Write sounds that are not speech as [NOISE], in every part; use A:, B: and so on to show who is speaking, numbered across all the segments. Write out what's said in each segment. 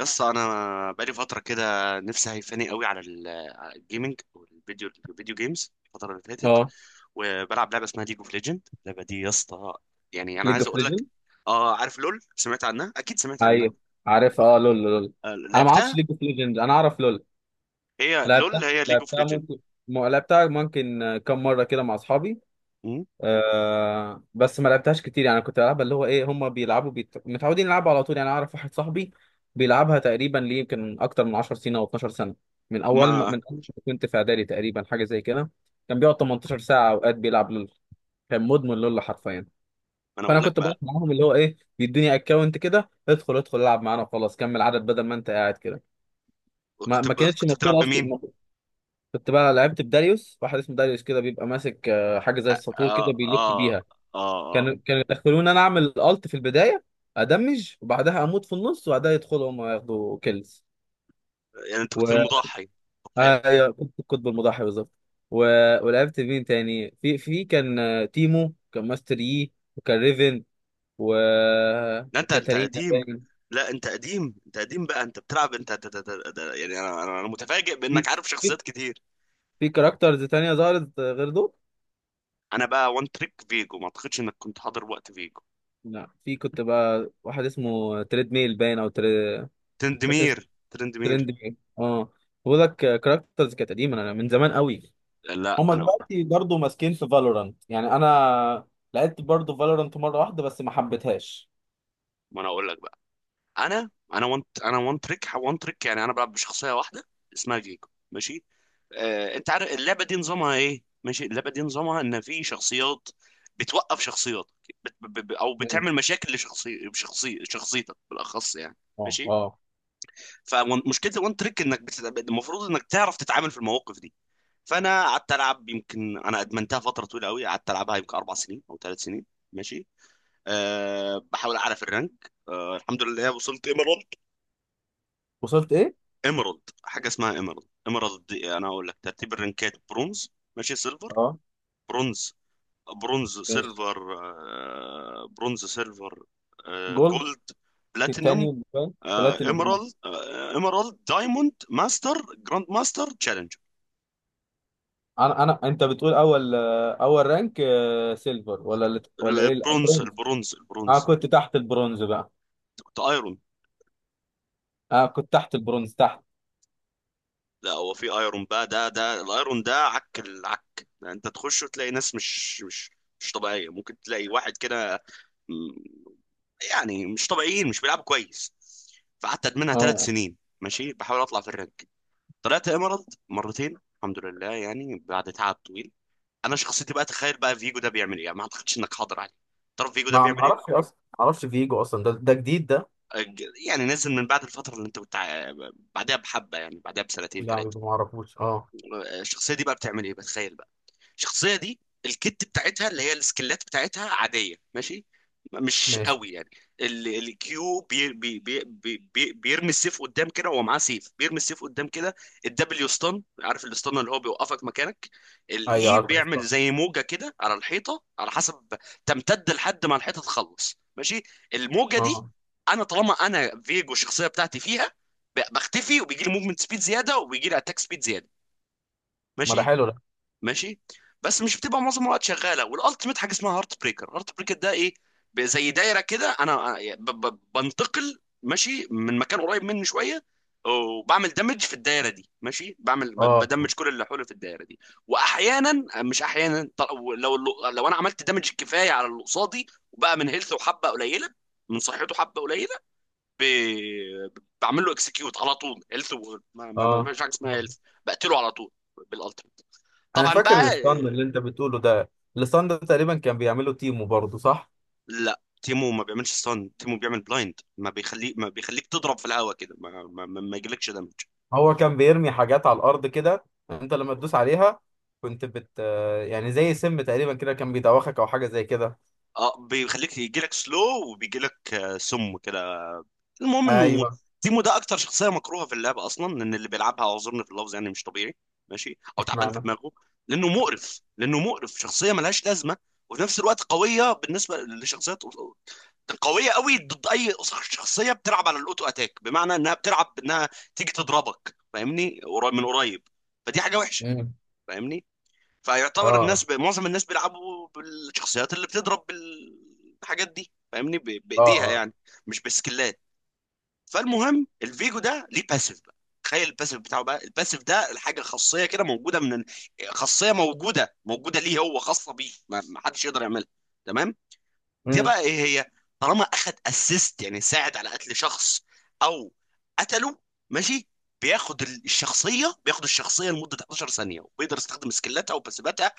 A: يس، انا بقالي فتره كده. نفسي هيفاني قوي على على الجيمنج والفيديو الفيديو جيمز الفتره اللي فاتت.
B: اه،
A: وبلعب لعبه اسمها ليج اوف ليجند، اللعبه دي يا اسطى، يعني انا
B: ليج
A: عايز
B: اوف
A: اقول لك.
B: ليجند.
A: اه، عارف لول، سمعت عنها، اكيد سمعت عنها.
B: ايوه، عارف. اه لول.
A: آه،
B: انا ما اعرفش
A: لعبتها.
B: ليج اوف ليجند، انا اعرف لول.
A: هي
B: لعبتها
A: لول، هي ليج اوف
B: لعبتها
A: ليجند.
B: ممكن. لعبتها ممكن كم مره كده مع اصحابي. آه بس ما لعبتهاش كتير، يعني كنت بلعبها اللي هو ايه، هم بيلعبوا متعودين يلعبوا على طول. يعني اعرف واحد صاحبي بيلعبها تقريبا ليه يمكن اكتر من 10 سنين او 12 سنه،
A: ما ما
B: من أول ما كنت في اعدادي تقريبا، حاجه زي كده. كان بيقعد 18 ساعه اوقات بيلعب لول، كان مدمن لول حرفيا.
A: انا
B: فانا
A: اقول لك
B: كنت بروح
A: بقى،
B: معاهم، اللي هو ايه، بيدوني اكونت كده، ادخل العب معانا وخلاص كمل عدد بدل ما انت قاعد كده. ما ما كانتش
A: كنت بتلعب
B: مفكوره اصلي
A: بمين؟
B: كنت بقى لعبت بداريوس، واحد اسمه داريوس كده، بيبقى ماسك حاجه زي
A: اه،
B: الساطور
A: اه،
B: كده بيلف
A: اه،
B: بيها.
A: آه.
B: كانوا يدخلوني انا اعمل الت في البدايه، ادمج وبعدها اموت في النص، وبعدها يدخلوا هم ياخدوا كيلز.
A: يعني انت
B: و
A: كنت المضحي، ضحيه.
B: آه، ايوه، كنت القطب المضاحي بالظبط. و... ولعبت مين تاني؟ في كان آه، تيمو، كان ماستر يي، وكان ريفن،
A: لا، انت
B: وكاتارينا.
A: قديم. لا انت قديم، انت قديم بقى، انت بتلعب، يعني انا انا أنا متفاجئ
B: في
A: بانك عارف
B: في
A: شخصيات كتير.
B: في كاركترز تانية ظهرت غير دول؟
A: انا بقى وان تريك فيجو، ما اعتقدش انك كنت حاضر وقت فيجو.
B: لا، في كنت بقى واحد اسمه تريد ميل باين او تريد، فاكر
A: ترندمير،
B: اسمه
A: ترندمير.
B: ترند ميل اه. بقول لك كاركترز كانت قديمة، انا من زمان قوي.
A: لا
B: هما
A: انا.
B: دلوقتي برضه ماسكين في فالورانت. يعني انا لعبت برضه فالورانت مرة واحدة بس ما حبيتهاش.
A: ما انا اقول لك بقى. انا وان تريك، يعني انا بلعب بشخصيه واحده اسمها فيجو، ماشي. آه، انت عارف اللعبه دي نظامها ايه؟ ماشي، اللعبه دي نظامها ان في شخصيات بتوقف شخصيات، او
B: مم.
A: بتعمل مشاكل شخصيتك بالاخص يعني.
B: اه،
A: ماشي،
B: اه.
A: فمشكله الوان تريك المفروض انك تعرف تتعامل في المواقف دي. فانا قعدت العب، يمكن انا ادمنتها فتره طويله قوي، قعدت العبها يمكن اربع سنين او ثلاث سنين، ماشي. بحاول اعرف الرانك، الحمد لله وصلت ايمرالد.
B: وصلت ايه؟
A: ايمرالد، حاجه اسمها ايمرالد. ايمرالد دي، انا اقول لك ترتيب الرانكات: برونز، ماشي، سيلفر،
B: اه.
A: برونز برونز
B: ماشي.
A: سيلفر، برونز، سيلفر،
B: جولد.
A: جولد، بلاتينم،
B: تيتانيوم باين،
A: آه،
B: بلاتينوم اه.
A: ايمرالد، آه، ايمرالد، دايموند، ماستر، جراند ماستر، تشالنج.
B: انا انت بتقول اول رانك آه، سيلفر ولا ايه
A: البرونز،
B: الأول؟
A: البرونز، البرونز.
B: اه، كنت تحت البرونز بقى.
A: أنت كنت ايرون.
B: اه، كنت تحت البرونز تحت.
A: لا، هو في ايرون بقى، ده الايرون ده عك العك، يعني انت تخش وتلاقي ناس مش طبيعيه، ممكن تلاقي واحد كده، م- يعني مش طبيعيين، مش بيلعبوا كويس. فقعدت ادمنها ثلاث
B: اه.
A: سنين، ماشي، بحاول اطلع في الرانك. طلعت ايمرالد مرتين الحمد لله، يعني بعد تعب طويل. انا شخصيتي بقى، تخيل بقى فيجو ده بيعمل ايه، يعني ما اعتقدش انك حاضر عليه. تعرف فيجو ده
B: ما
A: بيعمل
B: اعرفش
A: ايه؟
B: اصلا، ما اعرفش فيجو اصلا، ده جديد ده.
A: أج- يعني نزل من بعد الفتره اللي انت كنت بعدها بحبه، يعني بعدها بسنتين
B: لا،
A: ثلاثه.
B: ما اعرفوش اه.
A: الشخصيه دي بقى بتعمل ايه؟ بتخيل بقى الشخصيه دي، الكت بتاعتها اللي هي السكلات بتاعتها عاديه، ماشي، مش
B: ماشي.
A: قوي يعني. الكيو بي بي بي بي بي بيرمي السيف قدام كده، وهو معاه سيف بيرمي السيف قدام كده. الدبليو ستان، عارف الستان اللي هو بيوقفك مكانك.
B: ايوه،
A: الاي
B: عارف
A: بيعمل
B: الاستان.
A: زي موجه كده على الحيطه، على حسب تمتد لحد ما الحيطه تخلص، ماشي. الموجه دي،
B: اه،
A: انا طالما انا فيجو الشخصيه بتاعتي فيها، بختفي وبيجي لي موفمنت سبيد زياده وبيجي لي اتاك سبيد زياده،
B: ما ده
A: ماشي،
B: حلو ده.
A: ماشي. بس مش بتبقى معظم الوقت شغاله، والالتيميت حاجه اسمها هارت بريكر. هارت بريكر ده ايه؟ زي دايره كده، انا بنتقل، ماشي، من مكان قريب مني شويه، وبعمل دمج في الدايره دي، ماشي، بعمل
B: اه،
A: بدمج كل اللي حولي في الدايره دي. واحيانا آه، مش احيانا، لو، انا عملت دمج كفايه على اللي قصادي، وبقى من هيلثه وحبه قليله، من صحته حبه قليله، ب... بعمل له اكسكيوت على طول. هيلث و... ما... ما... ما...
B: اه.
A: مش حاجه اسمها هيلث، بقتله على طول بالالتيميت،
B: انا
A: طبعا
B: فاكر
A: بقى،
B: الاستان
A: آه.
B: اللي انت بتقوله ده، الاستان ده تقريبا كان بيعمله تيمو برضه صح؟
A: لا، تيمو ما بيعملش ستان، تيمو بيعمل بلايند، ما بيخليك تضرب في الهواء كده، ما يجيلكش دمج.
B: هو كان بيرمي حاجات على الارض كده، انت لما تدوس عليها كنت بت، يعني زي سم تقريبا كده، كان بيدوخك او حاجه زي كده.
A: اه، بيخليك يجيلك سلو، وبيجيلك آه، سم كده. المهم انه
B: ايوه.
A: تيمو ده اكتر شخصيه مكروهه في اللعبه اصلا، لان اللي بيلعبها، اعذرني في اللفظ، يعني مش طبيعي، ماشي، او تعبان في
B: اشمعنى؟
A: دماغه. لانه مقرف، شخصيه ملهاش لازمه، وفي نفس الوقت قويه بالنسبه لشخصيات، قويه قوي ضد اي شخصيه بتلعب على الاوتو اتاك، بمعنى انها بتلعب، انها تيجي تضربك، فاهمني، من قريب. فدي حاجه وحشه،
B: امم.
A: فاهمني. فيعتبر الناس
B: اه،
A: معظم الناس بيلعبوا بالشخصيات اللي بتضرب بالحاجات دي، فاهمني،
B: اه،
A: بايديها
B: اه.
A: يعني، مش بسكلات. فالمهم الفيجو ده ليه باسيف بقى، تخيل الباسيف بتاعه بقى، الباسيف ده الحاجه خاصيه كده موجوده من خاصيه موجوده ليه، هو خاصه بيه، ما حدش يقدر يعملها. تمام، دي بقى ايه هي؟ طالما اخد اسيست، يعني ساعد على قتل شخص او قتله، ماشي، بياخد الشخصيه لمده 11 ثانيه، وبيقدر يستخدم سكيلاتها وباسيفاتها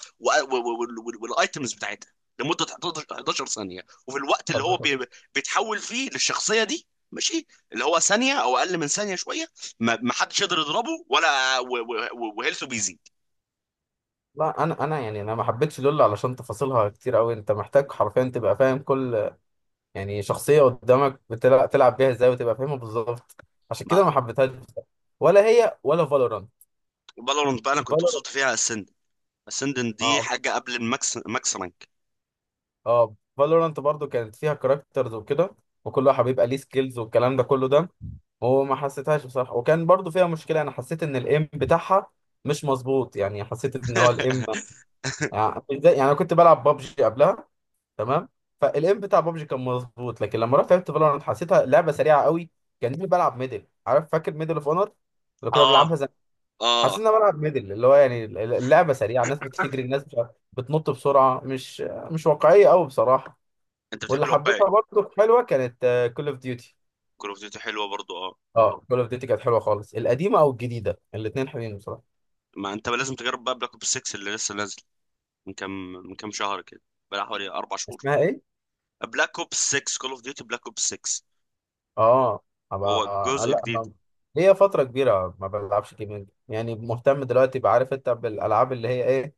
A: والايتمز بتاعتها لمده 11 ثانيه، وفي الوقت اللي هو
B: امم.
A: بيتحول فيه للشخصيه دي، ماشي، اللي هو ثانيه او اقل من ثانيه شويه، ما حدش يقدر يضربه، ولا وهيلثه بيزيد.
B: لا، انا يعني انا ما حبيتش لول علشان تفاصيلها كتير قوي، انت محتاج حرفيا تبقى فاهم كل يعني شخصيه قدامك بتلعب، تلعب بيها ازاي وتبقى فاهمها بالظبط. عشان
A: ما
B: كده ما حبيتهاش بصراحة. ولا هي ولا فالورانت.
A: فالورانت بقى، انا كنت
B: فالورانت.
A: وصلت فيها السند، دي
B: اه،
A: حاجه قبل الماكس، ماكس رانك.
B: اه. فالورانت برضو كانت فيها كاركترز وكده، وكل واحد بيبقى ليه سكيلز والكلام ده كله ده. وما حسيتهاش بصراحه، وكان برضو فيها مشكله، انا حسيت ان الايم بتاعها مش مظبوط، يعني حسيت ان هو الايم،
A: [LAUGHS]
B: يعني انا كنت بلعب بابجي قبلها تمام، فالام بتاع بابجي كان مظبوط، لكن لما رحت لعبت فالورانت حسيتها لعبه سريعه قوي، كاني بلعب ميدل. عارف فاكر ميدل اوف اونر اللي كنا
A: اه،
B: بنلعبها زمان؟ حسيت
A: اه،
B: ان انا بلعب ميدل، اللي هو يعني اللعبه سريعه، الناس بتجري، الناس مش عارف- بتنط بسرعه، مش واقعيه قوي بصراحه.
A: انت بتحب
B: واللي
A: الواقعي.
B: حبيتها برضه حلوه كانت كول اوف ديوتي.
A: كول اوف ديوتي حلوه برضو، اه.
B: اه، كول اوف ديوتي كانت حلوه خالص، القديمه او الجديده الاثنين حلوين بصراحه.
A: ما انت لازم تجرب بقى بلاك اوبس 6 اللي لسه نازل من كام، شهر كده، بقى حوالي اربع شهور.
B: اسمها ايه؟
A: بلاك اوبس 6، كول اوف ديوتي بلاك اوبس 6،
B: اه.
A: وهو
B: هبقى.
A: جزء
B: لا
A: جديد،
B: ما هي فترة كبيرة ما بلعبش جيمنج، يعني مهتم دلوقتي، بعرف انت بالالعاب اللي هي ايه،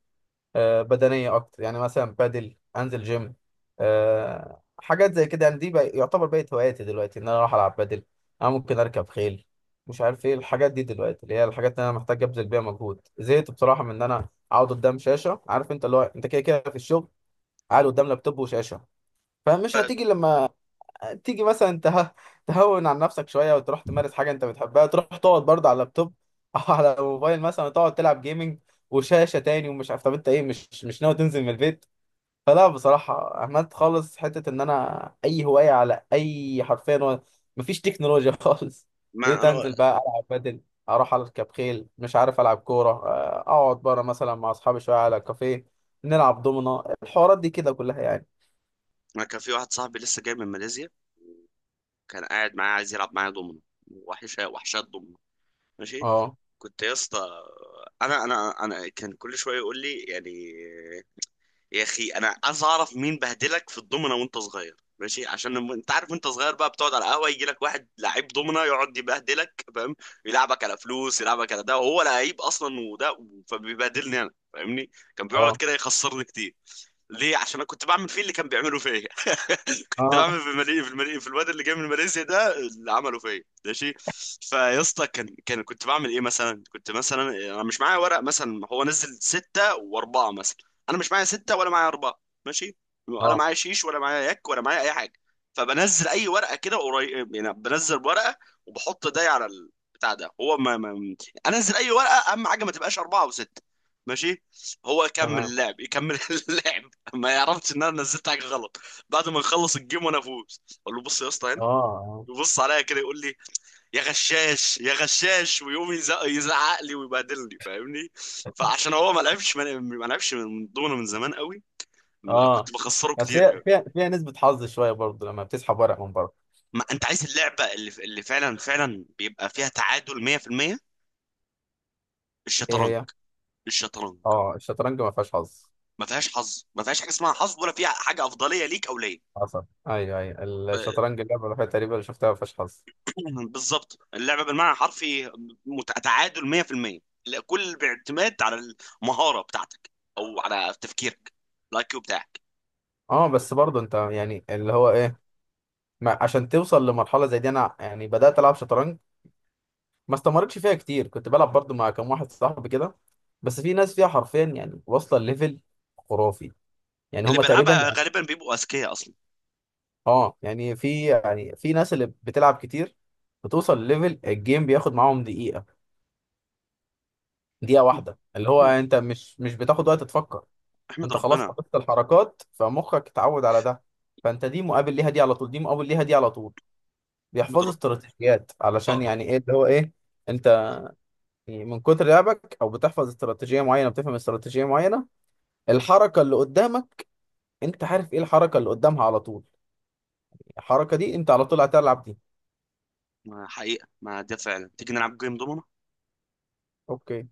B: آه، بدنيه اكتر. يعني مثلا بادل، انزل جيم، آه، حاجات زي كده. يعني دي بقى يعتبر بقت هواياتي دلوقتي، ان انا اروح العب بادل، انا ممكن اركب خيل، مش عارف ايه الحاجات دي دلوقتي، اللي هي الحاجات اللي انا محتاج ابذل بيها مجهود. زهقت بصراحه من ان انا اقعد قدام شاشه، عارف انت اللي هو انت كده كده في الشغل قاعد قدام لابتوب وشاشه. فمش
A: آه.
B: هتيجي لما تيجي مثلا ته... تهون عن نفسك شويه وتروح تمارس حاجه انت بتحبها، تروح تقعد برضه على اللابتوب [LAUGHS] او على الموبايل مثلا، تقعد تلعب جيمنج وشاشه تاني. ومش عارف، طب انت ايه مش ناوي تنزل من البيت؟ فلا بصراحه، عملت خالص حته ان انا اي هوايه على اي حرفيا مفيش تكنولوجيا [LAUGHS] خالص.
A: ما
B: بقيت
A: انا
B: انزل بقى العب بدل، اروح اركب خيل، مش عارف العب كوره، آه، اقعد بره مثلا مع اصحابي شويه على كافيه، نلعب دومنا، الحوارات دي كده كلها يعني.
A: ما كان في واحد صاحبي لسه جاي من ماليزيا، كان قاعد معايا عايز يلعب معايا دومينو. وحشه، وحشات دومينو، ماشي.
B: اه،
A: كنت يا اسطى، انا كان كل شويه يقول لي يعني: يا اخي انا عايز اعرف مين بهدلك في الضمنه وانت صغير، ماشي، عشان انت عارف وانت صغير بقى بتقعد على القهوه، يجي لك واحد لعيب ضمنه يقعد يبهدلك، فاهم، يلعبك على فلوس، يلعبك على ده وهو لعيب اصلا، وده فبيبهدلني انا، فاهمني. كان بيقعد
B: اه،
A: كده يخسرني كتير. ليه؟ عشان انا كنت بعمل فيه اللي كان بيعمله فيا. [LAUGHS] [LAUGHS] ده
B: اه،
A: عامل في المالي، في الواد اللي جاي من ماليزيا ده، اللي عمله فيا، ماشي. فيا اسطى، كان كان كنت بعمل ايه مثلا؟ كنت مثلا انا مش معايا ورق، مثلا هو نزل ستة واربعة، مثلا انا مش معايا ستة ولا معايا اربعة، ماشي، ولا
B: اه.
A: معايا شيش ولا معايا يك ولا معايا اي حاجة. فبنزل اي ورقة كده قريب، يعني بنزل ورقة وبحط ده على البتاع ده، هو ما, ما انزل اي ورقة، اهم حاجة ما تبقاش اربعة وستة، ماشي. هو يكمل
B: تمام.
A: اللعب، يكمل [LAUGHS] اللعب. ما يعرفش ان انا نزلت حاجه غلط. بعد ما نخلص الجيم وانا افوز، اقول له: بص يا اسطى هنا.
B: اه، اه،
A: يبص عليا كده يقول لي: يا غشاش، يا غشاش، ويقوم يزعق لي ويبهدلني، فاهمني. فعشان هو ما لعبش من ضمنه من زمان قوي، ما
B: اه.
A: كنت بخسره
B: بس
A: كتير
B: هي
A: قوي.
B: فيها نسبة حظ شوية برضه لما بتسحب ورق من بره.
A: ما انت عايز اللعبه اللي فعلا فعلا بيبقى فيها تعادل 100%:
B: ايه
A: الشطرنج.
B: هي؟
A: الشطرنج،
B: اه، الشطرنج ما فيهاش حظ.
A: ما فيهاش حظ، ما فيهاش حاجه اسمها حظ، ولا فيها حاجه افضليه ليك او ليا.
B: حصل. ايوه، ايوه، الشطرنج اللعبة الوحيدة تقريبا اللي شفتها ما فيهاش حظ.
A: [CLEARS THROAT] بالظبط اللعبه بالمعنى الحرفي، تعادل 100%. لا، كل باعتماد على المهاره بتاعتك او على تفكيرك، الاي كيو بتاعك.
B: اه بس برضه انت يعني اللي هو ايه، ما عشان توصل لمرحلة زي دي، انا يعني بدأت العب شطرنج، ما استمرتش فيها كتير، كنت بلعب برضه مع كام واحد صاحبي كده. بس في ناس فيها حرفيا يعني واصلة ليفل خرافي، يعني
A: اللي
B: هما تقريبا.
A: بيلعبها غالبا بيبقوا اذكياء اصلا.
B: اه. يعني في، يعني في ناس اللي بتلعب كتير بتوصل لليفل الجيم بياخد معاهم دقيقة، دقيقة واحدة، اللي هو
A: احمد،
B: انت مش بتاخد وقت تفكر،
A: احمد
B: انت خلاص
A: ربنا،
B: حفظت الحركات فمخك اتعود على ده، فانت دي مقابل ليها دي على طول، دي مقابل ليها دي على طول،
A: احمد
B: بيحفظوا
A: ربنا،
B: استراتيجيات علشان
A: اه.
B: يعني ايه اللي هو ايه انت، يعني من كتر لعبك او بتحفظ استراتيجية معينة، بتفهم استراتيجية معينة، الحركة اللي قدامك انت عارف ايه الحركة اللي قدامها على طول، الحركة دي انت على طول هتلعب دي.
A: ما حقيقه، ما ده فعلا، تيجي نلعب جيم دومنا.
B: اوكي.